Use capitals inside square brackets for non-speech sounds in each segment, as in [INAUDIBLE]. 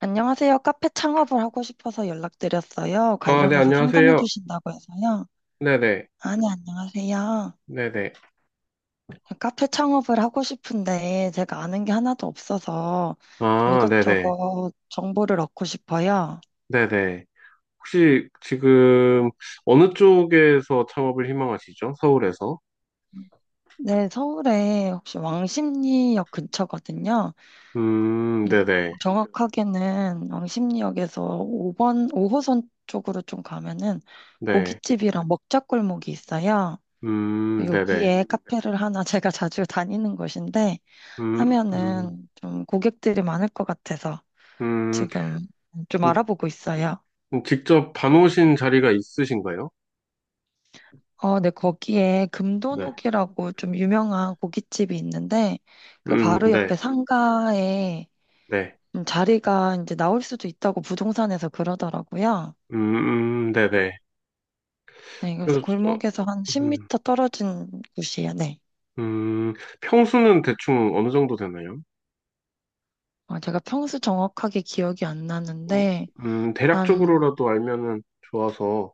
안녕하세요. 카페 창업을 하고 싶어서 연락드렸어요. 아, 네, 관련해서 상담해 안녕하세요. 주신다고 해서요. 네네, 아니, 안녕하세요. 네네. 카페 창업을 하고 싶은데 제가 아는 게 하나도 없어서 좀 아, 네네, 이것저것 정보를 얻고 싶어요. 네네. 혹시 지금 어느 쪽에서 창업을 희망하시죠? 서울에서? 네, 서울에 혹시 왕십리역 근처거든요. 음, 네네, 정확하게는 왕십리역에서 5번, 5호선 쪽으로 좀 가면은 네. 고깃집이랑 먹자골목이 있어요. 네네. 여기에 카페를 하나 [LAUGHS] 제가 자주 다니는 곳인데 음, 음, 하면은 좀 고객들이 많을 것 같아서 음, 지금 좀 음, 알아보고 있어요. 직접 봐놓으신 자리가 있으신가요? 어, 네, 거기에 네. 금도녹이라고 좀 유명한 고깃집이 있는데 그 바로 옆에 네, 상가에 네. 자리가 이제 나올 수도 있다고 부동산에서 그러더라고요. 네네. 네, 그래서 그래서, 어, 골목에서 한 음, 10m 떨어진 곳이에요. 네. 음, 평수는 대충 어느 정도 되나요? 어, 제가 평수 정확하게 기억이 안 어, 나는데 한 대략적으로라도 알면은 좋아서.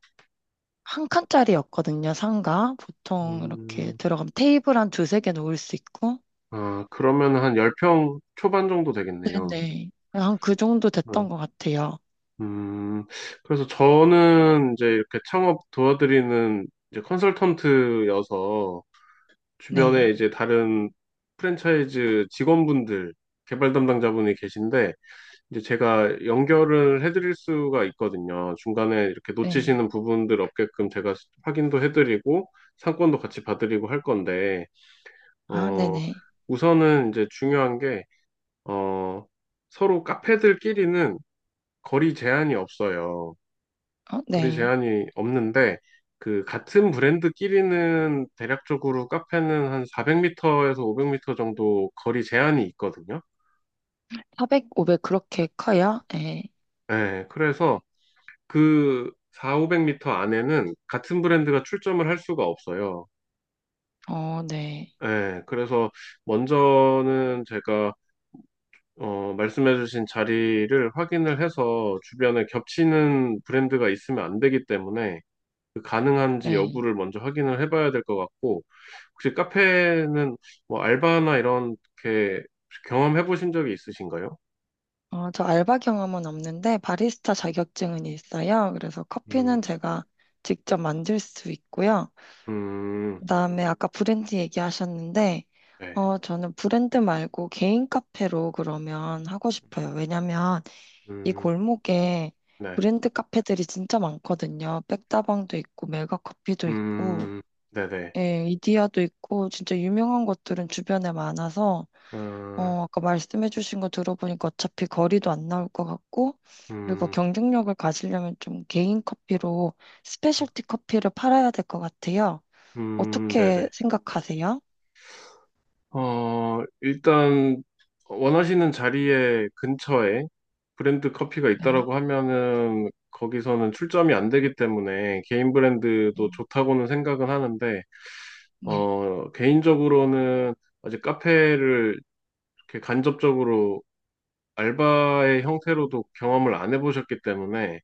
한 칸짜리였거든요, 상가. 보통 이렇게 음, 들어가면 테이블 한 두세 개 놓을 수 있고. 아, 그러면 한 10평 초반 정도 되겠네요. 네네. 한 그 정도 어, 됐던 것 같아요. 음, 그래서 저는 이제 이렇게 창업 도와드리는 이제 컨설턴트여서 주변에 네. 이제 다른 프랜차이즈 직원분들, 개발 담당자분이 계신데, 이제 제가 연결을 해드릴 수가 있거든요. 중간에 이렇게 네. 놓치시는 부분들 없게끔 제가 확인도 해드리고, 상권도 같이 봐드리고 할 건데, 아, 어, 네네. 우선은 이제 중요한 게 어, 서로 카페들끼리는 거리 제한이 없어요. 어, 거리 네. 제한이 없는데, 그, 같은 브랜드끼리는 대략적으로 카페는 한 400m에서 500m 정도 거리 제한이 있거든요. 400, 500 그렇게 커요? 네. 네, 그래서 그 4, 500m 안에는 같은 브랜드가 출점을 할 수가 없어요. 어, 네. 네, 그래서 먼저는 제가 말씀해주신 자리를 확인을 해서 주변에 겹치는 브랜드가 있으면 안 되기 때문에 그 가능한지 네. 여부를 먼저 확인을 해봐야 될 것 같고, 혹시 카페는 뭐 알바나 이런 게 경험해 보신 적이 있으신가요? 어, 저 알바 경험은 없는데 바리스타 자격증은 있어요. 그래서 음, 커피는 제가 직접 만들 수 있고요. 음, 그다음에 아까 브랜드 얘기하셨는데, 네, 어, 저는 브랜드 말고 개인 카페로 그러면 하고 싶어요. 왜냐면 이 음, 골목에 네, 브랜드 카페들이 진짜 많거든요. 백다방도 있고, 메가커피도 있고, 음, 네네, 예, 이디야도 있고, 진짜 유명한 것들은 주변에 많아서, 음, 어, 아까 말씀해주신 거 들어보니까 어차피 거리도 안 나올 것 같고, 그리고 음, 경쟁력을 가지려면 좀 개인 커피로 스페셜티 커피를 팔아야 될 것 같아요. 어떻게 네네. 생각하세요? 일단 원하시는 자리에 근처에 브랜드 커피가 네, 있다라고 하면은 거기서는 출점이 안 되기 때문에 개인 브랜드도 네, 좋다고는 생각은 하는데 네, 어, 개인적으로는 아직 카페를 이렇게 간접적으로 알바의 형태로도 경험을 안 해보셨기 때문에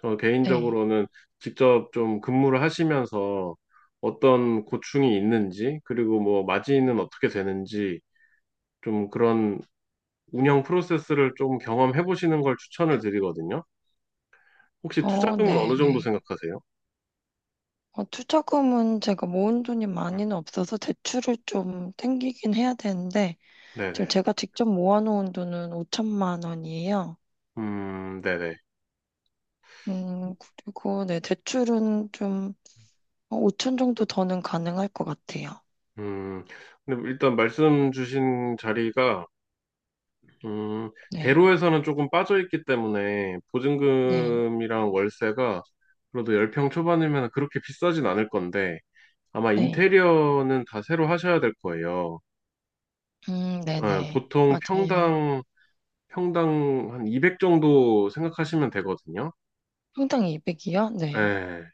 저 네. 개인적으로는 직접 좀 근무를 하시면서 어떤 고충이 있는지 그리고 뭐 마진은 어떻게 되는지 좀 그런 운영 프로세스를 좀 경험해 보시는 걸 추천을 드리거든요. 혹시 어, 투자금은 네, 어느 정도 네. 생각하세요? 어, 투자금은 제가 모은 돈이 음. 많이는 없어서 대출을 좀 땡기긴 해야 되는데, 지금 네네. 제가 직접 모아놓은 돈은 5천만 원이에요. 네네. 음, 그리고 네, 대출은 좀 5천 정도 더는 가능할 것 같아요. 음, 근데 뭐 일단 말씀 주신 자리가 음, 네, 대로에서는 조금 빠져있기 때문에 네, 보증금이랑 월세가 그래도 10평 초반이면 그렇게 비싸진 않을 건데 아마 네. 인테리어는 다 새로 하셔야 될 거예요. 아, 네네. 보통 맞아요. 평당, 평당 한 200 정도 생각하시면 되거든요. 평당 200이요? 네. 예.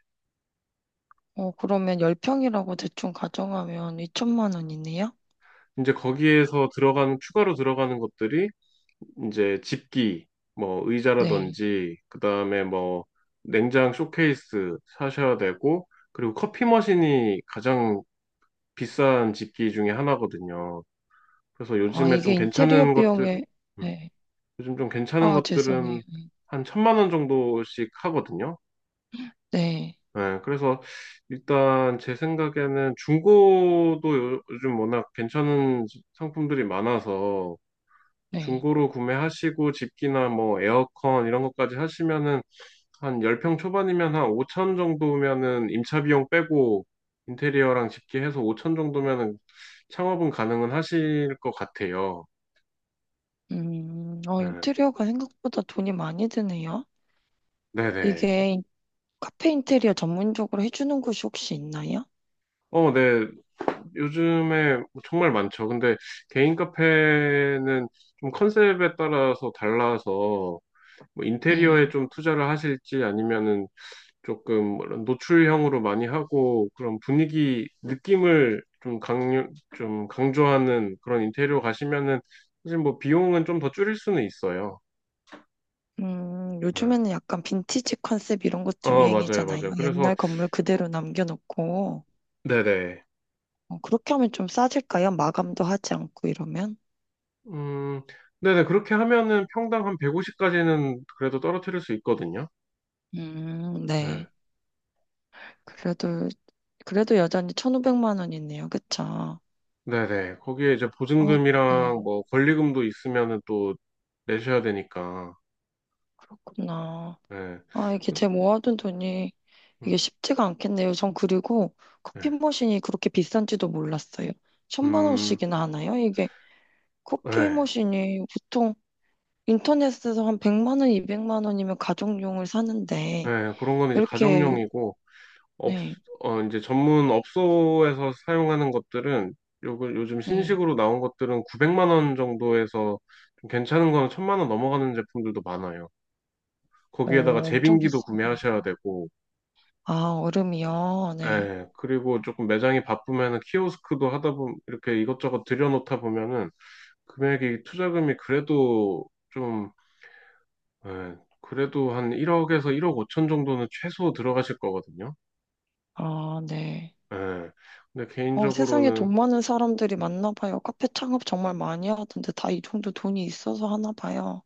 어, 그러면 10평이라고 대충 가정하면 2천만 원이네요? 이제 거기에서 들어가는, 추가로 들어가는 것들이 이제 집기, 뭐 네. 의자라든지, 그 다음에 뭐 냉장 쇼케이스 사셔야 되고, 그리고 커피 머신이 가장 비싼 집기 중에 하나거든요. 그래서 아, 요즘에 이게 좀 인테리어 괜찮은 것들, 비용에, 음, 네. 요즘 좀 괜찮은 아, 것들은 죄송해요. 한 1,000만 원 정도씩 하거든요. 네, 네, 그래서 일단 제 생각에는 중고도 요즘 워낙 괜찮은 상품들이 많아서 네. 중고로 구매하시고 집기나 뭐 에어컨 이런 것까지 하시면은 한 10평 초반이면 한 5천 정도면은 임차 비용 빼고 인테리어랑 집계해서 5천 정도면은 창업은 가능은 하실 것 같아요. 어, 네. 인테리어가 생각보다 돈이 많이 드네요. 네네. 이게 인- 카페 인테리어 전문적으로 해주는 곳이 혹시 있나요? 어, 네. 요즘에 뭐 정말 많죠. 근데 개인 카페는 좀 컨셉에 따라서 달라서 뭐 인테리어에 네. 좀 투자를 하실지 아니면은 조금 노출형으로 많이 하고 그런 분위기 느낌을 좀 강조하는 그런 인테리어 가시면은 사실 뭐 비용은 좀 더 줄일 수는 있어요. 네. 요즘에는 약간 빈티지 컨셉 이런 것도 어, 맞아요, 유행이잖아요. 맞아요. 그래서, 옛날 건물 그대로 남겨놓고. 네네. 어, 그렇게 하면 좀 싸질까요? 마감도 하지 않고 이러면? 음, 네네. 그렇게 하면은 평당 한 150까지는 그래도 떨어뜨릴 수 있거든요. 네. 네. 그래도, 그래도 여전히 1,500만 원이네요. 그쵸? 네네. 거기에 이제 어, 네. 보증금이랑 뭐 권리금도 있으면은 또 내셔야 되니까. 그렇구나. 네. 아, 이게 제 모아둔 돈이 음, 이게 쉽지가 않겠네요. 전 그리고 커피 네. 머신이 그렇게 비싼지도 몰랐어요. 천만 음, 원씩이나 하나요? 이게 커피 네. 머신이 보통 인터넷에서 한 100만 원, 200만 원이면 가정용을 사는데 네, 그런 건 이제 이렇게 가정용이고, 업, 네, 이제 전문 업소에서 사용하는 것들은 요, 그 요즘 네. 신식으로 나온 것들은 900만 원 정도에서 좀 괜찮은 거는 만원 넘어가는 제품들도 많아요. 거기에다가 어, 엄청 제빙기도 비싸군요. 구매하셔야 되고, 아, 얼음이요? 네. 예, 그리고 조금 매장이 바쁘면은 키오스크도 하다 보면 이렇게 이것저것 들여놓다 보면은 금액이 투자금이 그래도 좀, 예, 그래도 한 1억에서 1억 5천 정도는 최소 들어가실 거거든요. 아, 네. 예. 근데 어, 세상에 개인적으로는 돈 많은 사람들이 많나 봐요. 카페 창업 정말 많이 하던데 다 이 정도 돈이 있어서 하나 봐요.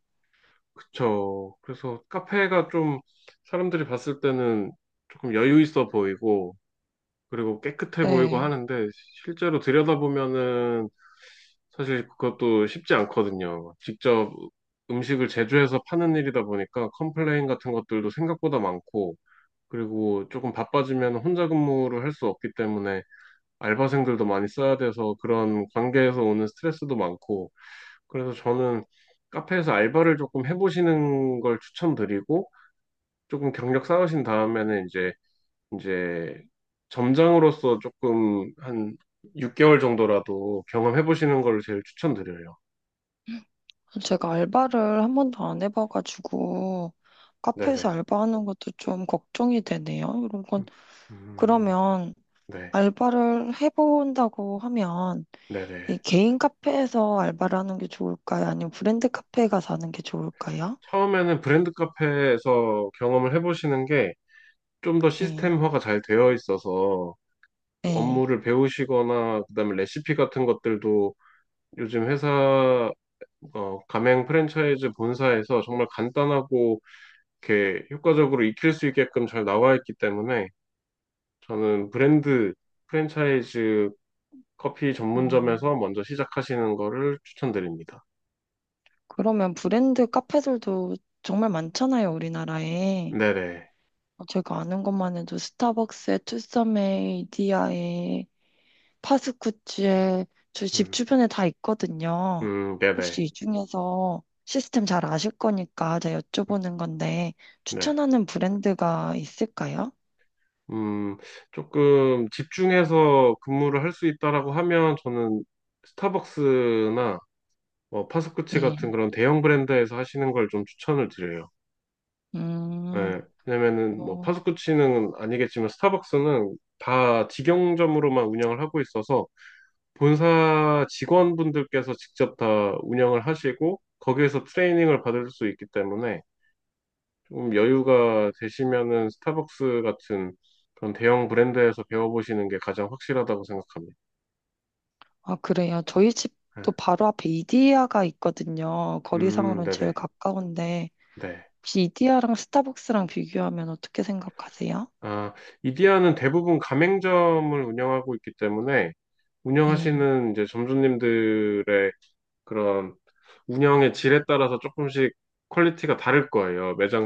그쵸. 그래서 카페가 좀 사람들이 봤을 때는 조금 여유 있어 보이고, 그리고 깨끗해 보이고 네. 하는데, 실제로 들여다보면은 사실 그것도 쉽지 않거든요. 직접 음식을 제조해서 파는 일이다 보니까 컴플레인 같은 것들도 생각보다 많고, 그리고 조금 바빠지면 혼자 근무를 할 수 없기 때문에 알바생들도 많이 써야 돼서 그런 관계에서 오는 스트레스도 많고, 그래서 저는 카페에서 알바를 조금 해보시는 걸 추천드리고, 조금 경력 쌓으신 다음에는 이제 점장으로서 조금 한 6개월 정도라도 경험해 보시는 걸 제일 추천드려요. 제가 알바를 한 번도 안 해봐가지고 카페에서 네네. 알바하는 것도 좀 걱정이 되네요. 이런 건 음, 그러면 네. 알바를 해본다고 하면 네네. 이 개인 카페에서 알바를 하는 게 좋을까요? 아니면 브랜드 카페에 가서 하는 게 좋을까요? 처음에는 브랜드 카페에서 경험을 해보시는 게 좀 더 네, 시스템화가 잘 되어 있어서 네. 업무를 배우시거나 그다음에 레시피 같은 것들도 요즘 회사 가맹 프랜차이즈 본사에서 정말 간단하고 이렇게 효과적으로 익힐 수 있게끔 잘 나와 있기 때문에 저는 브랜드 프랜차이즈 커피 전문점에서 음, 먼저 시작하시는 거를 추천드립니다. 그러면 브랜드 카페들도 정말 많잖아요, 우리나라에. 네네. 제가 아는 것만 해도 스타벅스에, 투썸에, 이디야에 파스쿠치에 저희 집 음, 주변에 다 있거든요. 네네. 혹시 이 중에서 시스템 잘 아실 거니까 제가 음, 여쭤보는 건데 네. 추천하는 브랜드가 있을까요? 음, 조금 집중해서 근무를 할 수 있다라고 하면 저는 스타벅스나 뭐 파스쿠치 같은 네. 그런 대형 브랜드에서 하시는 걸 좀 추천을 드려요. 음, 예, 왜냐면은 뭐 어, 파스쿠치는 아니겠지만 스타벅스는 다 직영점으로만 운영을 하고 있어서 본사 직원분들께서 직접 다 운영을 하시고 거기에서 트레이닝을 받을 수 있기 때문에 좀 여유가 되시면은 스타벅스 같은 그런 대형 브랜드에서 배워보시는 게 가장 확실하다고 생각합니다. 아, 그래요. 저희 예. 집도 바로 앞에 이디야가 있거든요. 거리상으로는 제일 네네. 가까운데 네. 혹시 이디야랑 스타벅스랑 비교하면 어떻게 생각하세요? 아, 이디야는 대부분 가맹점을 운영하고 있기 때문에 네. 운영하시는 이제 점주님들의 그런 운영의 질에 따라서 조금씩 퀄리티가 다를 거예요. 매장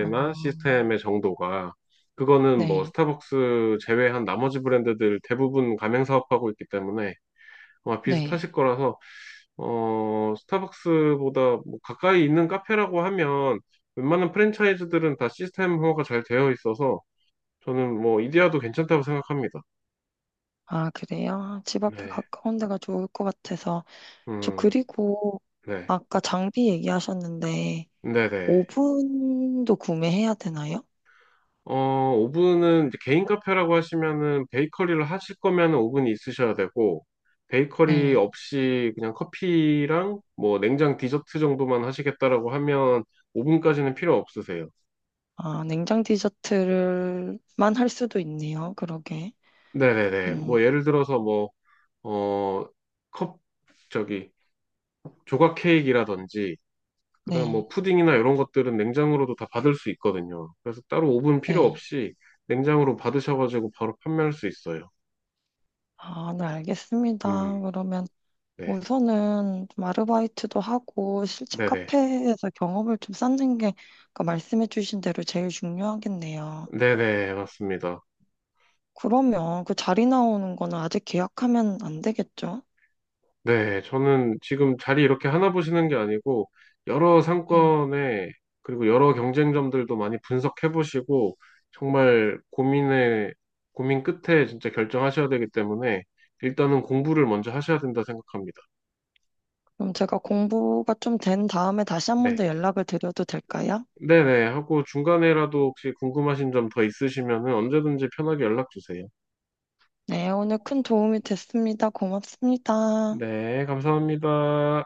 어, 시스템의 정도가. 그거는 뭐 네. 스타벅스 제외한 나머지 브랜드들 대부분 가맹 사업하고 있기 때문에 아마 네. 비슷하실 거라서 스타벅스보다 뭐 가까이 있는 카페라고 하면 웬만한 프랜차이즈들은 다 시스템 호화가 잘 되어 있어서 저는 뭐 이디야도 괜찮다고 생각합니다. 아, 그래요? 집 앞에 네. 가까운 데가 좋을 것 같아서. 저 음. 그리고 네. 아까 장비 얘기하셨는데 네네. 오븐도 구매해야 되나요? 어, 오븐은 이제 개인 카페라고 하시면은 베이커리를 하실 거면은 오븐이 있으셔야 되고 베이커리 네. 없이 그냥 커피랑 뭐 냉장 디저트 정도만 하시겠다라고 하면 오븐까지는 필요 없으세요. 아, 냉장 디저트를만 할 수도 있네요. 그러게. 네네네. 음, 뭐 예를 들어서 어, 컵 저기 조각 케이크라든지 그다음 네. 뭐 푸딩이나 이런 것들은 냉장으로도 다 받을 수 있거든요. 그래서 따로 오븐 필요 네. 없이 냉장으로 받으셔가지고 바로 판매할 수 있어요. 아, 네, 음, 알겠습니다. 그러면 네. 우선은 좀 아르바이트도 하고 실제 네네. 카페에서 경험을 좀 쌓는 게 아까 말씀해 주신 대로 제일 중요하겠네요. 네네, 맞습니다. 그러면 그 자리 나오는 거는 아직 계약하면 안 되겠죠? 네, 저는 지금 자리 이렇게 하나 보시는 게 아니고, 여러 상권에, 그리고 여러 경쟁점들도 많이 분석해 보시고, 정말 고민에, 고민 끝에 진짜 결정하셔야 되기 때문에, 일단은 공부를 먼저 하셔야 된다 생각합니다. 그럼 제가 공부가 좀 된 다음에 다시 한 번 네. 더 연락을 드려도 될까요? 네네, 하고 중간에라도 혹시 궁금하신 점 더 있으시면은 언제든지 편하게 연락 주세요. 네, 오늘 큰 도움이 됐습니다. 고맙습니다. 네, 감사합니다.